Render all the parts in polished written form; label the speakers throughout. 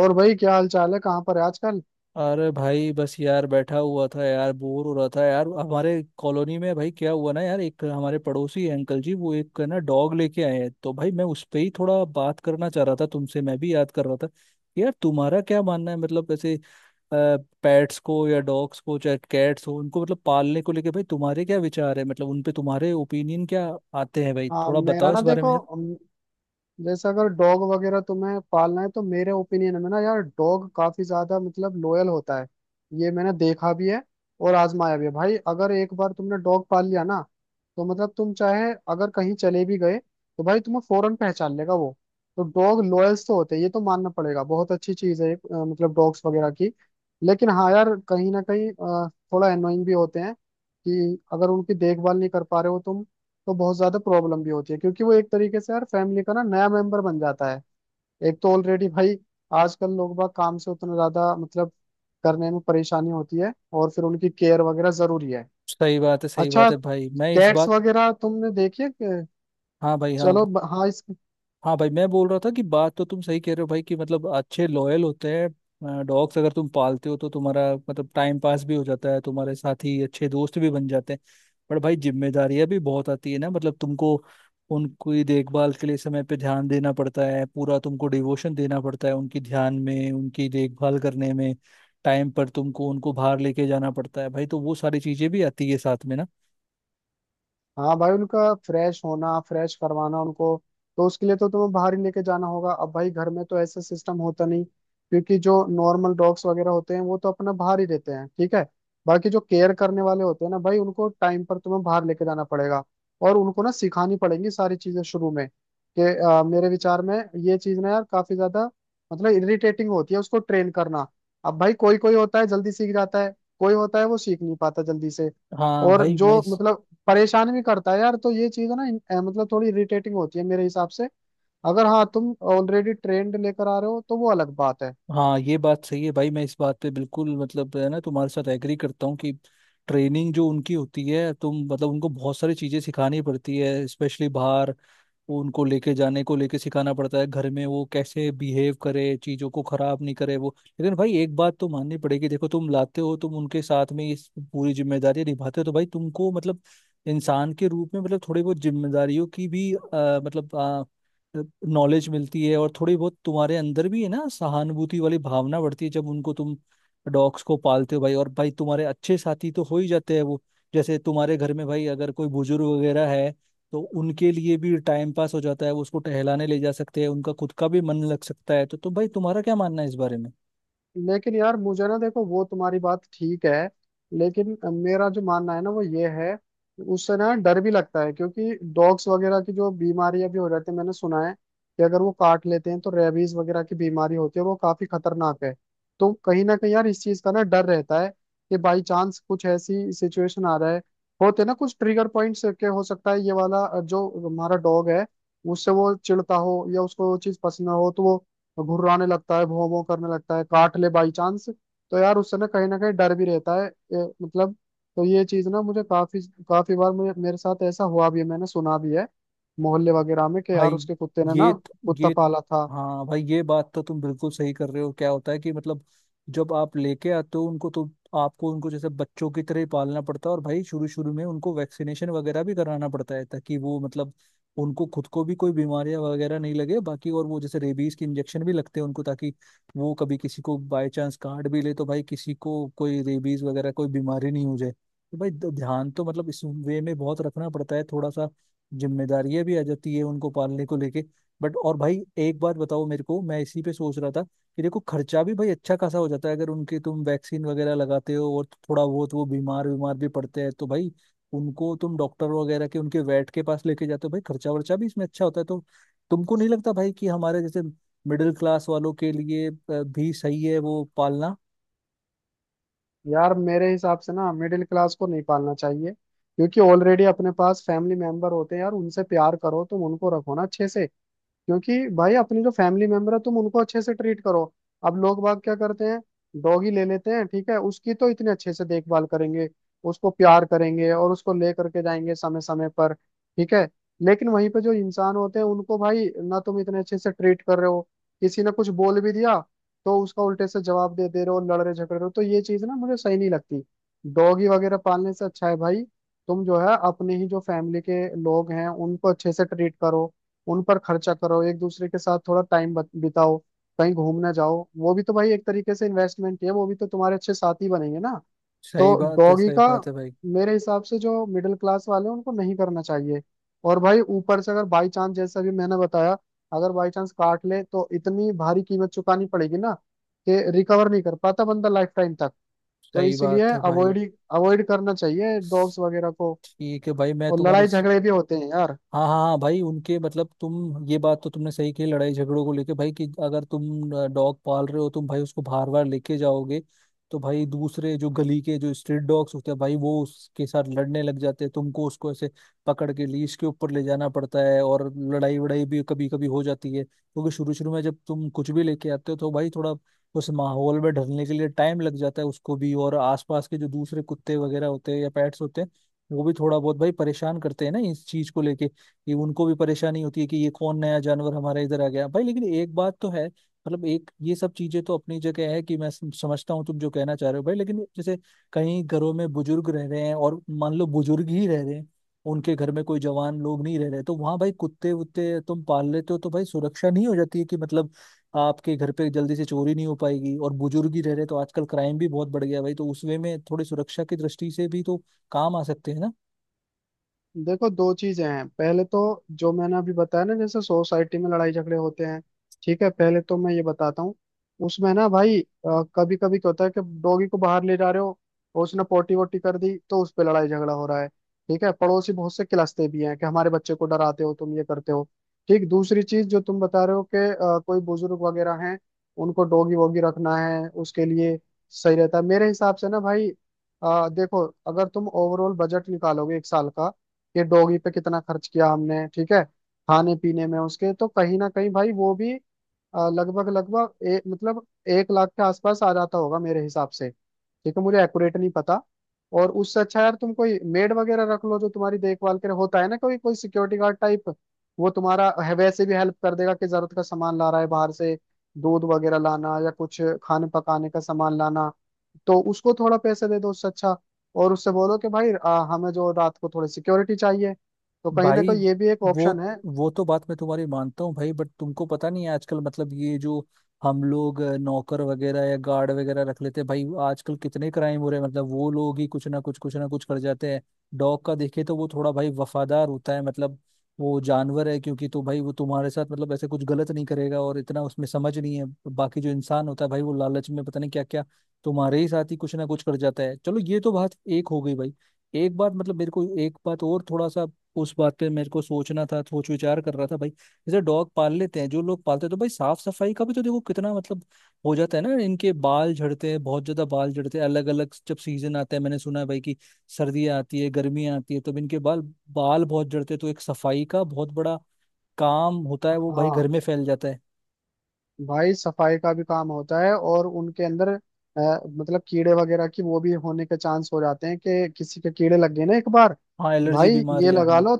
Speaker 1: और भाई क्या हाल चाल है, कहाँ पर है आजकल।
Speaker 2: अरे भाई बस यार बैठा हुआ था यार। बोर हो रहा था यार। हमारे कॉलोनी में भाई क्या हुआ ना यार, एक हमारे पड़ोसी हैं अंकल जी, वो एक ना डॉग लेके आए हैं। तो भाई मैं उस पे ही थोड़ा बात करना चाह रहा था तुमसे। मैं भी याद कर रहा था यार। तुम्हारा क्या मानना है मतलब ऐसे पेट्स को या डॉग्स को चाहे कैट्स हो उनको मतलब पालने को लेके भाई तुम्हारे क्या विचार है? मतलब उन पे तुम्हारे ओपिनियन क्या आते हैं भाई?
Speaker 1: हाँ
Speaker 2: थोड़ा
Speaker 1: मेरा
Speaker 2: बताओ
Speaker 1: ना
Speaker 2: इस बारे में
Speaker 1: देखो
Speaker 2: यार।
Speaker 1: जैसे अगर डॉग वगैरह तुम्हें पालना है तो मेरे ओपिनियन में ना यार डॉग काफी ज्यादा मतलब लोयल होता है। ये मैंने देखा भी है और आजमाया भी है भाई। अगर एक बार तुमने डॉग पाल लिया ना तो मतलब तुम चाहे अगर कहीं चले भी गए तो भाई तुम्हें फौरन पहचान लेगा वो। तो डॉग लॉयल्स तो होते हैं, ये तो मानना पड़ेगा। बहुत अच्छी चीज है मतलब डॉग्स वगैरह की। लेकिन हाँ यार कहीं ना कहीं थोड़ा एनोइंग भी होते हैं कि अगर उनकी देखभाल नहीं कर पा रहे हो तुम तो बहुत ज्यादा प्रॉब्लम भी होती है, क्योंकि वो एक तरीके से यार फैमिली का ना नया मेंबर बन जाता है। एक तो ऑलरेडी भाई आजकल लोग बाग काम से उतना ज्यादा मतलब करने में परेशानी होती है और फिर उनकी केयर वगैरह जरूरी है।
Speaker 2: सही बात है, सही बात
Speaker 1: अच्छा,
Speaker 2: है भाई, मैं इस
Speaker 1: कैट्स
Speaker 2: बात।
Speaker 1: वगैरह तुमने देखी है
Speaker 2: हाँ भाई, हाँ।
Speaker 1: चलो हाँ इस।
Speaker 2: हाँ भाई मैं बोल रहा था कि बात तो तुम सही कह रहे हो भाई कि मतलब अच्छे लॉयल होते हैं डॉग्स, अगर तुम पालते हो तो तुम्हारा मतलब टाइम पास भी हो जाता है, तुम्हारे साथ ही अच्छे दोस्त भी बन जाते हैं। पर भाई जिम्मेदारियां भी बहुत आती है ना मतलब तुमको। उनकी देखभाल के लिए समय पे ध्यान देना पड़ता है, पूरा तुमको डिवोशन देना पड़ता है उनकी ध्यान में, उनकी देखभाल करने में। टाइम पर तुमको उनको बाहर लेके जाना पड़ता है भाई, तो वो सारी चीजें भी आती है साथ में ना।
Speaker 1: हाँ भाई उनका फ्रेश होना, फ्रेश करवाना उनको, तो उसके लिए तो तुम्हें बाहर ही लेके जाना होगा। अब भाई घर में तो ऐसा सिस्टम होता नहीं, क्योंकि जो नॉर्मल डॉग्स वगैरह होते हैं वो तो अपना बाहर ही रहते हैं, ठीक है। बाकी जो केयर करने वाले होते हैं ना भाई, उनको टाइम पर तुम्हें बाहर लेके जाना पड़ेगा। और उनको ना सिखानी पड़ेंगी सारी चीजें शुरू में कि मेरे विचार में ये चीज ना यार काफी ज्यादा मतलब इरिटेटिंग होती है उसको ट्रेन करना। अब भाई कोई कोई होता है जल्दी सीख जाता है, कोई होता है वो सीख नहीं पाता जल्दी से।
Speaker 2: हाँ
Speaker 1: और
Speaker 2: भाई मैं
Speaker 1: जो
Speaker 2: इस।
Speaker 1: मतलब परेशान भी करता है यार, तो ये चीज है ना मतलब थोड़ी इरिटेटिंग होती है मेरे हिसाब से। अगर हाँ, तुम ऑलरेडी ट्रेंड लेकर आ रहे हो तो वो अलग बात है।
Speaker 2: हाँ, ये बात सही है भाई, मैं इस बात पे बिल्कुल मतलब है ना तुम्हारे साथ एग्री करता हूँ कि ट्रेनिंग जो उनकी होती है तुम मतलब उनको बहुत सारी चीजें सिखानी पड़ती है स्पेशली बाहर। वो उनको लेके जाने को लेके सिखाना पड़ता है, घर में वो कैसे बिहेव करे, चीजों को खराब नहीं करे वो। लेकिन भाई एक बात तो माननी पड़ेगी, देखो तुम लाते हो, तुम उनके साथ में इस पूरी जिम्मेदारी निभाते हो तो भाई तुमको मतलब इंसान के रूप में मतलब थोड़ी बहुत जिम्मेदारियों की भी मतलब नॉलेज मिलती है, और थोड़ी बहुत तुम्हारे अंदर भी है ना सहानुभूति वाली भावना बढ़ती है जब उनको तुम डॉग्स को पालते हो भाई। और भाई तुम्हारे अच्छे साथी तो हो ही जाते हैं वो। जैसे तुम्हारे घर में भाई अगर कोई बुजुर्ग वगैरह है तो उनके लिए भी टाइम पास हो जाता है, वो उसको टहलाने ले जा सकते हैं, उनका खुद का भी मन लग सकता है। तो भाई तुम्हारा क्या मानना है इस बारे में?
Speaker 1: लेकिन यार मुझे ना देखो, वो तुम्हारी बात ठीक है, लेकिन मेरा जो मानना है ना वो ये है, उससे ना डर भी लगता है, क्योंकि डॉग्स वगैरह की जो बीमारियां भी हो जाती है मैंने सुना है कि अगर वो काट लेते हैं तो रेबीज वगैरह की बीमारी होती है, वो काफी खतरनाक है। तो कहीं ना कहीं यार इस चीज का ना डर रहता है कि बाई चांस कुछ ऐसी सिचुएशन आ रहा है। होते हैं ना कुछ ट्रिगर पॉइंट्स के, हो सकता है ये वाला जो हमारा डॉग है उससे वो चिढ़ता हो या उसको वो चीज पसंद ना हो, तो वो तो घुर्राने लगता है, भौं भौं करने लगता है, काट ले बाई चांस। तो यार उससे ना कहीं डर भी रहता है मतलब। तो ये चीज ना मुझे काफी काफी बार, मुझे मेरे साथ ऐसा हुआ भी है, मैंने सुना भी है मोहल्ले वगैरह में कि यार
Speaker 2: भाई
Speaker 1: उसके कुत्ते ने
Speaker 2: ये
Speaker 1: ना कुत्ता
Speaker 2: ये
Speaker 1: पाला था।
Speaker 2: हाँ भाई, ये बात तो तुम बिल्कुल सही कर रहे हो। क्या होता है कि मतलब जब आप लेके आते हो उनको तो आपको उनको जैसे बच्चों की तरह ही पालना पड़ता है, और भाई शुरू शुरू में उनको वैक्सीनेशन वगैरह भी कराना पड़ता है ताकि वो मतलब उनको खुद को भी कोई बीमारियां वगैरह नहीं लगे, बाकी। और वो जैसे रेबीज के इंजेक्शन भी लगते हैं उनको ताकि वो कभी किसी को बाय चांस काट भी ले तो भाई किसी को कोई रेबीज वगैरह कोई बीमारी नहीं हो जाए। तो भाई ध्यान तो मतलब इस वे में बहुत रखना पड़ता है थोड़ा सा। जिम्मेदारियां भी आ जाती है उनको पालने को लेके। बट और भाई एक बात बताओ मेरे को, मैं इसी पे सोच रहा था कि देखो खर्चा भी भाई अच्छा खासा हो जाता है अगर उनके तुम वैक्सीन वगैरह लगाते हो, और थोड़ा बहुत वो बीमार बीमार भी पड़ते हैं तो भाई उनको तुम डॉक्टर वगैरह के, उनके वेट के पास लेके जाते हो भाई, खर्चा वर्चा भी इसमें अच्छा होता है। तो तुमको नहीं लगता भाई कि हमारे जैसे मिडिल क्लास वालों के लिए भी सही है वो पालना?
Speaker 1: यार मेरे हिसाब से ना मिडिल क्लास को नहीं पालना चाहिए, क्योंकि ऑलरेडी अपने पास फैमिली मेंबर होते हैं यार, उनसे प्यार करो, तुम उनको रखो ना अच्छे से। क्योंकि भाई अपनी जो फैमिली मेंबर है तुम उनको अच्छे से ट्रीट करो। अब लोग बाग क्या करते हैं, डॉगी ले लेते हैं, ठीक है उसकी तो इतने अच्छे से देखभाल करेंगे, उसको प्यार करेंगे और उसको ले करके जाएंगे समय समय पर, ठीक है। लेकिन वहीं पे जो इंसान होते हैं उनको भाई ना तुम इतने अच्छे से ट्रीट कर रहे हो। किसी ने कुछ बोल भी दिया तो उसका उल्टे से जवाब दे दे रहे हो, लड़ रहे झगड़ रहे हो। तो ये चीज ना मुझे सही नहीं लगती। डॉगी वगैरह पालने से अच्छा है भाई, तुम जो है अपने ही जो फैमिली के लोग हैं उनको अच्छे से ट्रीट करो, उन पर खर्चा करो, एक दूसरे के साथ थोड़ा टाइम बिताओ, कहीं घूमने जाओ। वो भी तो भाई एक तरीके से इन्वेस्टमेंट ही है, वो भी तो तुम्हारे अच्छे साथी बनेंगे ना। तो
Speaker 2: सही बात है,
Speaker 1: डॉगी
Speaker 2: सही
Speaker 1: का
Speaker 2: बात है भाई।
Speaker 1: मेरे हिसाब से, जो मिडिल क्लास वाले हैं उनको नहीं करना चाहिए। और भाई ऊपर से अगर बाई चांस, जैसा भी मैंने बताया, अगर बाई चांस काट ले तो इतनी भारी कीमत चुकानी पड़ेगी ना कि रिकवर नहीं कर पाता बंदा लाइफ टाइम तक। तो
Speaker 2: सही
Speaker 1: इसीलिए
Speaker 2: बात है भाई।
Speaker 1: अवॉइड, अवॉइड करना चाहिए डॉग्स वगैरह को।
Speaker 2: ठीक है भाई, मैं
Speaker 1: और
Speaker 2: तुम्हारी
Speaker 1: लड़ाई
Speaker 2: इस।
Speaker 1: झगड़े भी होते हैं यार।
Speaker 2: हाँ हाँ हाँ भाई, उनके मतलब तुम ये बात तो तुमने सही कही, लड़ाई झगड़ों को लेके भाई, कि अगर तुम डॉग पाल रहे हो तुम भाई उसको बार बार लेके जाओगे तो भाई दूसरे जो गली के जो स्ट्रीट डॉग्स होते हैं भाई वो उसके साथ लड़ने लग जाते हैं, तुमको उसको ऐसे पकड़ के लीश के ऊपर ले जाना पड़ता है, और लड़ाई वड़ाई भी कभी कभी हो जाती है क्योंकि शुरू शुरू में जब तुम कुछ भी लेके आते हो तो भाई थोड़ा उस माहौल में ढलने के लिए टाइम लग जाता है उसको भी, और आसपास के जो दूसरे कुत्ते वगैरह होते हैं या पेट्स होते हैं वो भी थोड़ा बहुत भाई परेशान करते हैं ना इस चीज को लेके। ये उनको भी परेशानी होती है कि ये कौन नया जानवर हमारे इधर आ गया भाई। लेकिन एक बात तो है मतलब, एक ये सब चीजें तो अपनी जगह है कि मैं समझता हूँ तुम जो कहना चाह रहे हो भाई, लेकिन जैसे कहीं घरों में बुजुर्ग रह रहे हैं, और मान लो बुजुर्ग ही रह रहे हैं, उनके घर में कोई जवान लोग नहीं रह रहे, तो वहां भाई कुत्ते वुत्ते तुम पाल लेते हो तो भाई सुरक्षा नहीं हो जाती है कि मतलब आपके घर पे जल्दी से चोरी नहीं हो पाएगी, और बुजुर्ग ही रह रहे तो आजकल क्राइम भी बहुत बढ़ गया है भाई, तो उस वे में थोड़ी सुरक्षा की दृष्टि से भी तो काम आ सकते हैं ना।
Speaker 1: देखो दो चीजें हैं, पहले तो जो मैंने अभी बताया ना, जैसे सोसाइटी में लड़ाई झगड़े होते हैं, ठीक है पहले तो मैं ये बताता हूँ, उसमें ना भाई कभी कभी क्या होता है कि डॉगी को बाहर ले जा रहे हो और उसने पोटी वोटी कर दी तो उस पर लड़ाई झगड़ा हो रहा है, ठीक है। पड़ोसी बहुत से किलसते भी हैं कि हमारे बच्चे को डराते हो तुम, ये करते हो। ठीक, दूसरी चीज जो तुम बता रहे हो कि कोई बुजुर्ग वगैरह हैं उनको डॉगी वोगी रखना है, उसके लिए सही रहता है मेरे हिसाब से ना भाई। देखो अगर तुम ओवरऑल बजट निकालोगे एक साल का कि डॉगी पे कितना खर्च किया हमने, ठीक है खाने पीने में उसके, तो कहीं ना कहीं भाई वो भी लगभग लगभग मतलब 1 लाख के आसपास आ जाता होगा मेरे हिसाब से, ठीक है मुझे एक्यूरेट नहीं पता। और उससे अच्छा यार तुम कोई मेड वगैरह रख लो जो तुम्हारी देखभाल करे, होता है ना कोई कोई सिक्योरिटी गार्ड टाइप। वो तुम्हारा वैसे भी हेल्प कर देगा कि जरूरत का सामान ला रहा है बाहर से, दूध वगैरह लाना या कुछ खाने पकाने का सामान लाना। तो उसको थोड़ा पैसे दे दो, उससे अच्छा। और उससे बोलो कि भाई हमें जो रात को थोड़ी सिक्योरिटी चाहिए। तो कहीं ना
Speaker 2: भाई
Speaker 1: कहीं ये भी एक
Speaker 2: वो
Speaker 1: ऑप्शन है।
Speaker 2: वो तो बात मैं तुम्हारी मानता हूँ भाई बट तुमको पता नहीं है आजकल मतलब ये जो हम लोग नौकर वगैरह या गार्ड वगैरह रख लेते हैं भाई, आजकल कितने क्राइम हो रहे हैं, मतलब वो लोग ही कुछ ना कुछ कर जाते हैं। डॉग का देखे तो वो थोड़ा भाई वफादार होता है मतलब, वो जानवर है क्योंकि, तो भाई वो तुम्हारे साथ मतलब ऐसे कुछ गलत नहीं करेगा और इतना उसमें समझ नहीं है। बाकी जो इंसान होता है भाई वो लालच में पता नहीं क्या क्या तुम्हारे ही साथ ही कुछ ना कुछ कर जाता है। चलो ये तो बात एक हो गई भाई। एक बात मतलब मेरे को, एक बात और थोड़ा सा उस बात पे मेरे को सोचना था, सोच विचार कर रहा था भाई, जैसे डॉग पाल लेते हैं जो लोग पालते हैं तो भाई साफ सफाई का भी तो देखो कितना मतलब हो जाता है ना, इनके बाल झड़ते हैं, बहुत ज्यादा बाल झड़ते हैं अलग अलग जब सीजन आता है, मैंने सुना है भाई कि सर्दियाँ आती है गर्मियाँ आती है तब इनके बाल बाल बहुत झड़ते हैं, तो एक सफाई का बहुत बड़ा काम होता है वो भाई,
Speaker 1: हाँ
Speaker 2: घर में फैल जाता है।
Speaker 1: भाई सफाई का भी काम होता है और उनके अंदर मतलब कीड़े वगैरह की वो भी होने के चांस हो जाते हैं कि किसी के कीड़े लग गए ना एक बार
Speaker 2: हाँ एलर्जी
Speaker 1: भाई, ये
Speaker 2: बीमारियां,
Speaker 1: लगा
Speaker 2: हाँ।
Speaker 1: लो।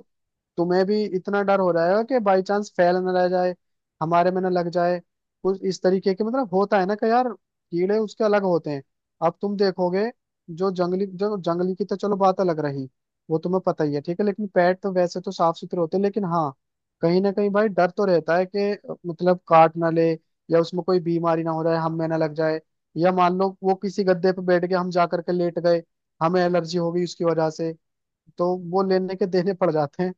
Speaker 1: तुम्हें भी इतना डर हो रहा है कि बाई चांस फैल ना रह जाए, हमारे में ना लग जाए, कुछ इस तरीके के। मतलब होता है ना कि यार कीड़े उसके अलग होते हैं। अब तुम देखोगे जो जंगली, जो जंगली की तो चलो बात अलग रही, वो तुम्हें पता ही है ठीक है। लेकिन पेट तो वैसे तो साफ सुथरे होते हैं, लेकिन हाँ कहीं ना कहीं भाई डर तो रहता है कि मतलब काट ना ले, या उसमें कोई बीमारी ना हो जाए हम में ना लग जाए, या मान लो वो किसी गद्दे पे बैठ के हम जा करके लेट गए, हमें एलर्जी हो गई उसकी वजह से, तो वो लेने के देने पड़ जाते हैं।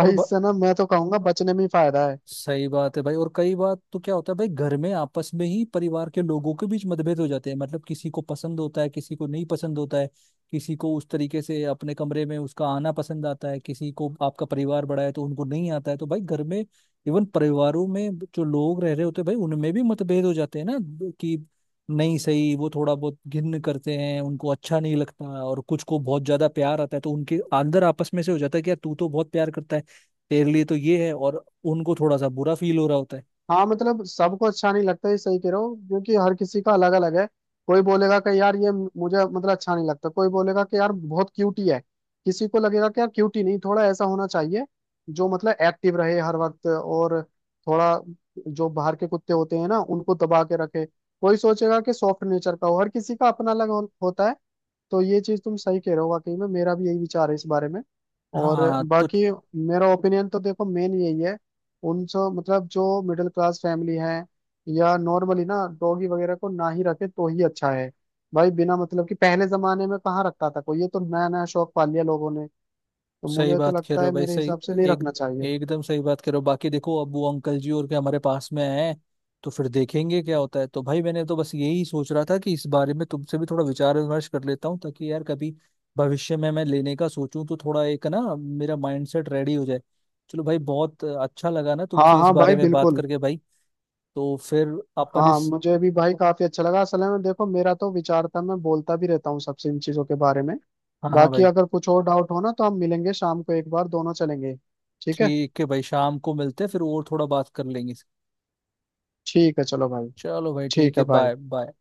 Speaker 2: और ब-
Speaker 1: इससे ना मैं तो कहूंगा बचने में ही फायदा है।
Speaker 2: सही बात है भाई, और कई बार तो क्या होता है भाई, घर में आपस में ही परिवार के लोगों के बीच मतभेद हो जाते हैं मतलब, किसी को पसंद होता है किसी को नहीं पसंद होता है, किसी को उस तरीके से अपने कमरे में उसका आना पसंद आता है, किसी को, आपका परिवार बड़ा है तो उनको नहीं आता है, तो भाई घर में इवन परिवारों में जो लोग रह रहे होते हैं भाई उनमें भी मतभेद हो जाते हैं ना, कि नहीं सही, वो थोड़ा बहुत घिन करते हैं, उनको अच्छा नहीं लगता, और कुछ को बहुत ज्यादा प्यार आता है, तो उनके अंदर आपस में से हो जाता है कि यार तू तो बहुत प्यार करता है, तेरे लिए तो ये है, और उनको थोड़ा सा बुरा फील हो रहा होता है।
Speaker 1: हाँ मतलब सबको अच्छा नहीं लगता, ये सही कह रहे हो, क्योंकि हर किसी का अलग अलग है। कोई बोलेगा कि यार ये मुझे मतलब अच्छा नहीं लगता, कोई बोलेगा कि यार बहुत क्यूटी है, किसी को लगेगा कि यार क्यूटी नहीं थोड़ा ऐसा होना चाहिए जो मतलब एक्टिव रहे हर वक्त, और थोड़ा जो बाहर के कुत्ते होते हैं ना उनको दबा के रखे, कोई सोचेगा कि सॉफ्ट नेचर का हो। हर किसी का अपना अलग हो, होता है। तो ये चीज तुम सही कह रहे हो, वाकई में मेरा भी यही विचार है इस बारे में। और
Speaker 2: हाँ, तो
Speaker 1: बाकी मेरा ओपिनियन तो देखो मेन यही है, उन सब मतलब जो मिडिल क्लास फैमिली है या नॉर्मली ना, डॉगी वगैरह को ना ही रखे तो ही अच्छा है भाई। बिना मतलब कि, पहले जमाने में कहाँ रखता था कोई, ये तो नया नया शौक पाल लिया लोगों ने। तो
Speaker 2: सही
Speaker 1: मुझे तो
Speaker 2: बात कह
Speaker 1: लगता
Speaker 2: रहे
Speaker 1: है
Speaker 2: हो भाई,
Speaker 1: मेरे
Speaker 2: सही।
Speaker 1: हिसाब से नहीं
Speaker 2: एक,
Speaker 1: रखना चाहिए।
Speaker 2: एकदम सही बात कह रहे हो। बाकी देखो अब वो अंकल जी और क्या हमारे पास में आए हैं, तो फिर देखेंगे क्या होता है। तो भाई मैंने तो बस यही सोच रहा था कि इस बारे में तुमसे भी थोड़ा विचार विमर्श कर लेता हूँ ताकि यार कभी भविष्य में मैं लेने का सोचूं तो थोड़ा एक ना मेरा माइंडसेट रेडी हो जाए। चलो भाई बहुत अच्छा लगा ना
Speaker 1: हाँ
Speaker 2: तुमसे इस
Speaker 1: हाँ भाई,
Speaker 2: बारे में बात
Speaker 1: बिल्कुल।
Speaker 2: करके भाई। तो फिर अपन
Speaker 1: हाँ
Speaker 2: इस।
Speaker 1: मुझे भी भाई काफी अच्छा लगा, असल में देखो मेरा तो विचार था, मैं बोलता भी रहता हूँ सबसे इन चीजों के बारे में।
Speaker 2: हाँ हाँ
Speaker 1: बाकी
Speaker 2: भाई।
Speaker 1: अगर कुछ और डाउट हो ना तो हम मिलेंगे शाम को एक बार, दोनों चलेंगे, ठीक है।
Speaker 2: ठीक है भाई, शाम को मिलते हैं फिर और थोड़ा बात कर लेंगे।
Speaker 1: ठीक है चलो भाई,
Speaker 2: चलो भाई ठीक
Speaker 1: ठीक
Speaker 2: है,
Speaker 1: है भाई।
Speaker 2: Bye bye.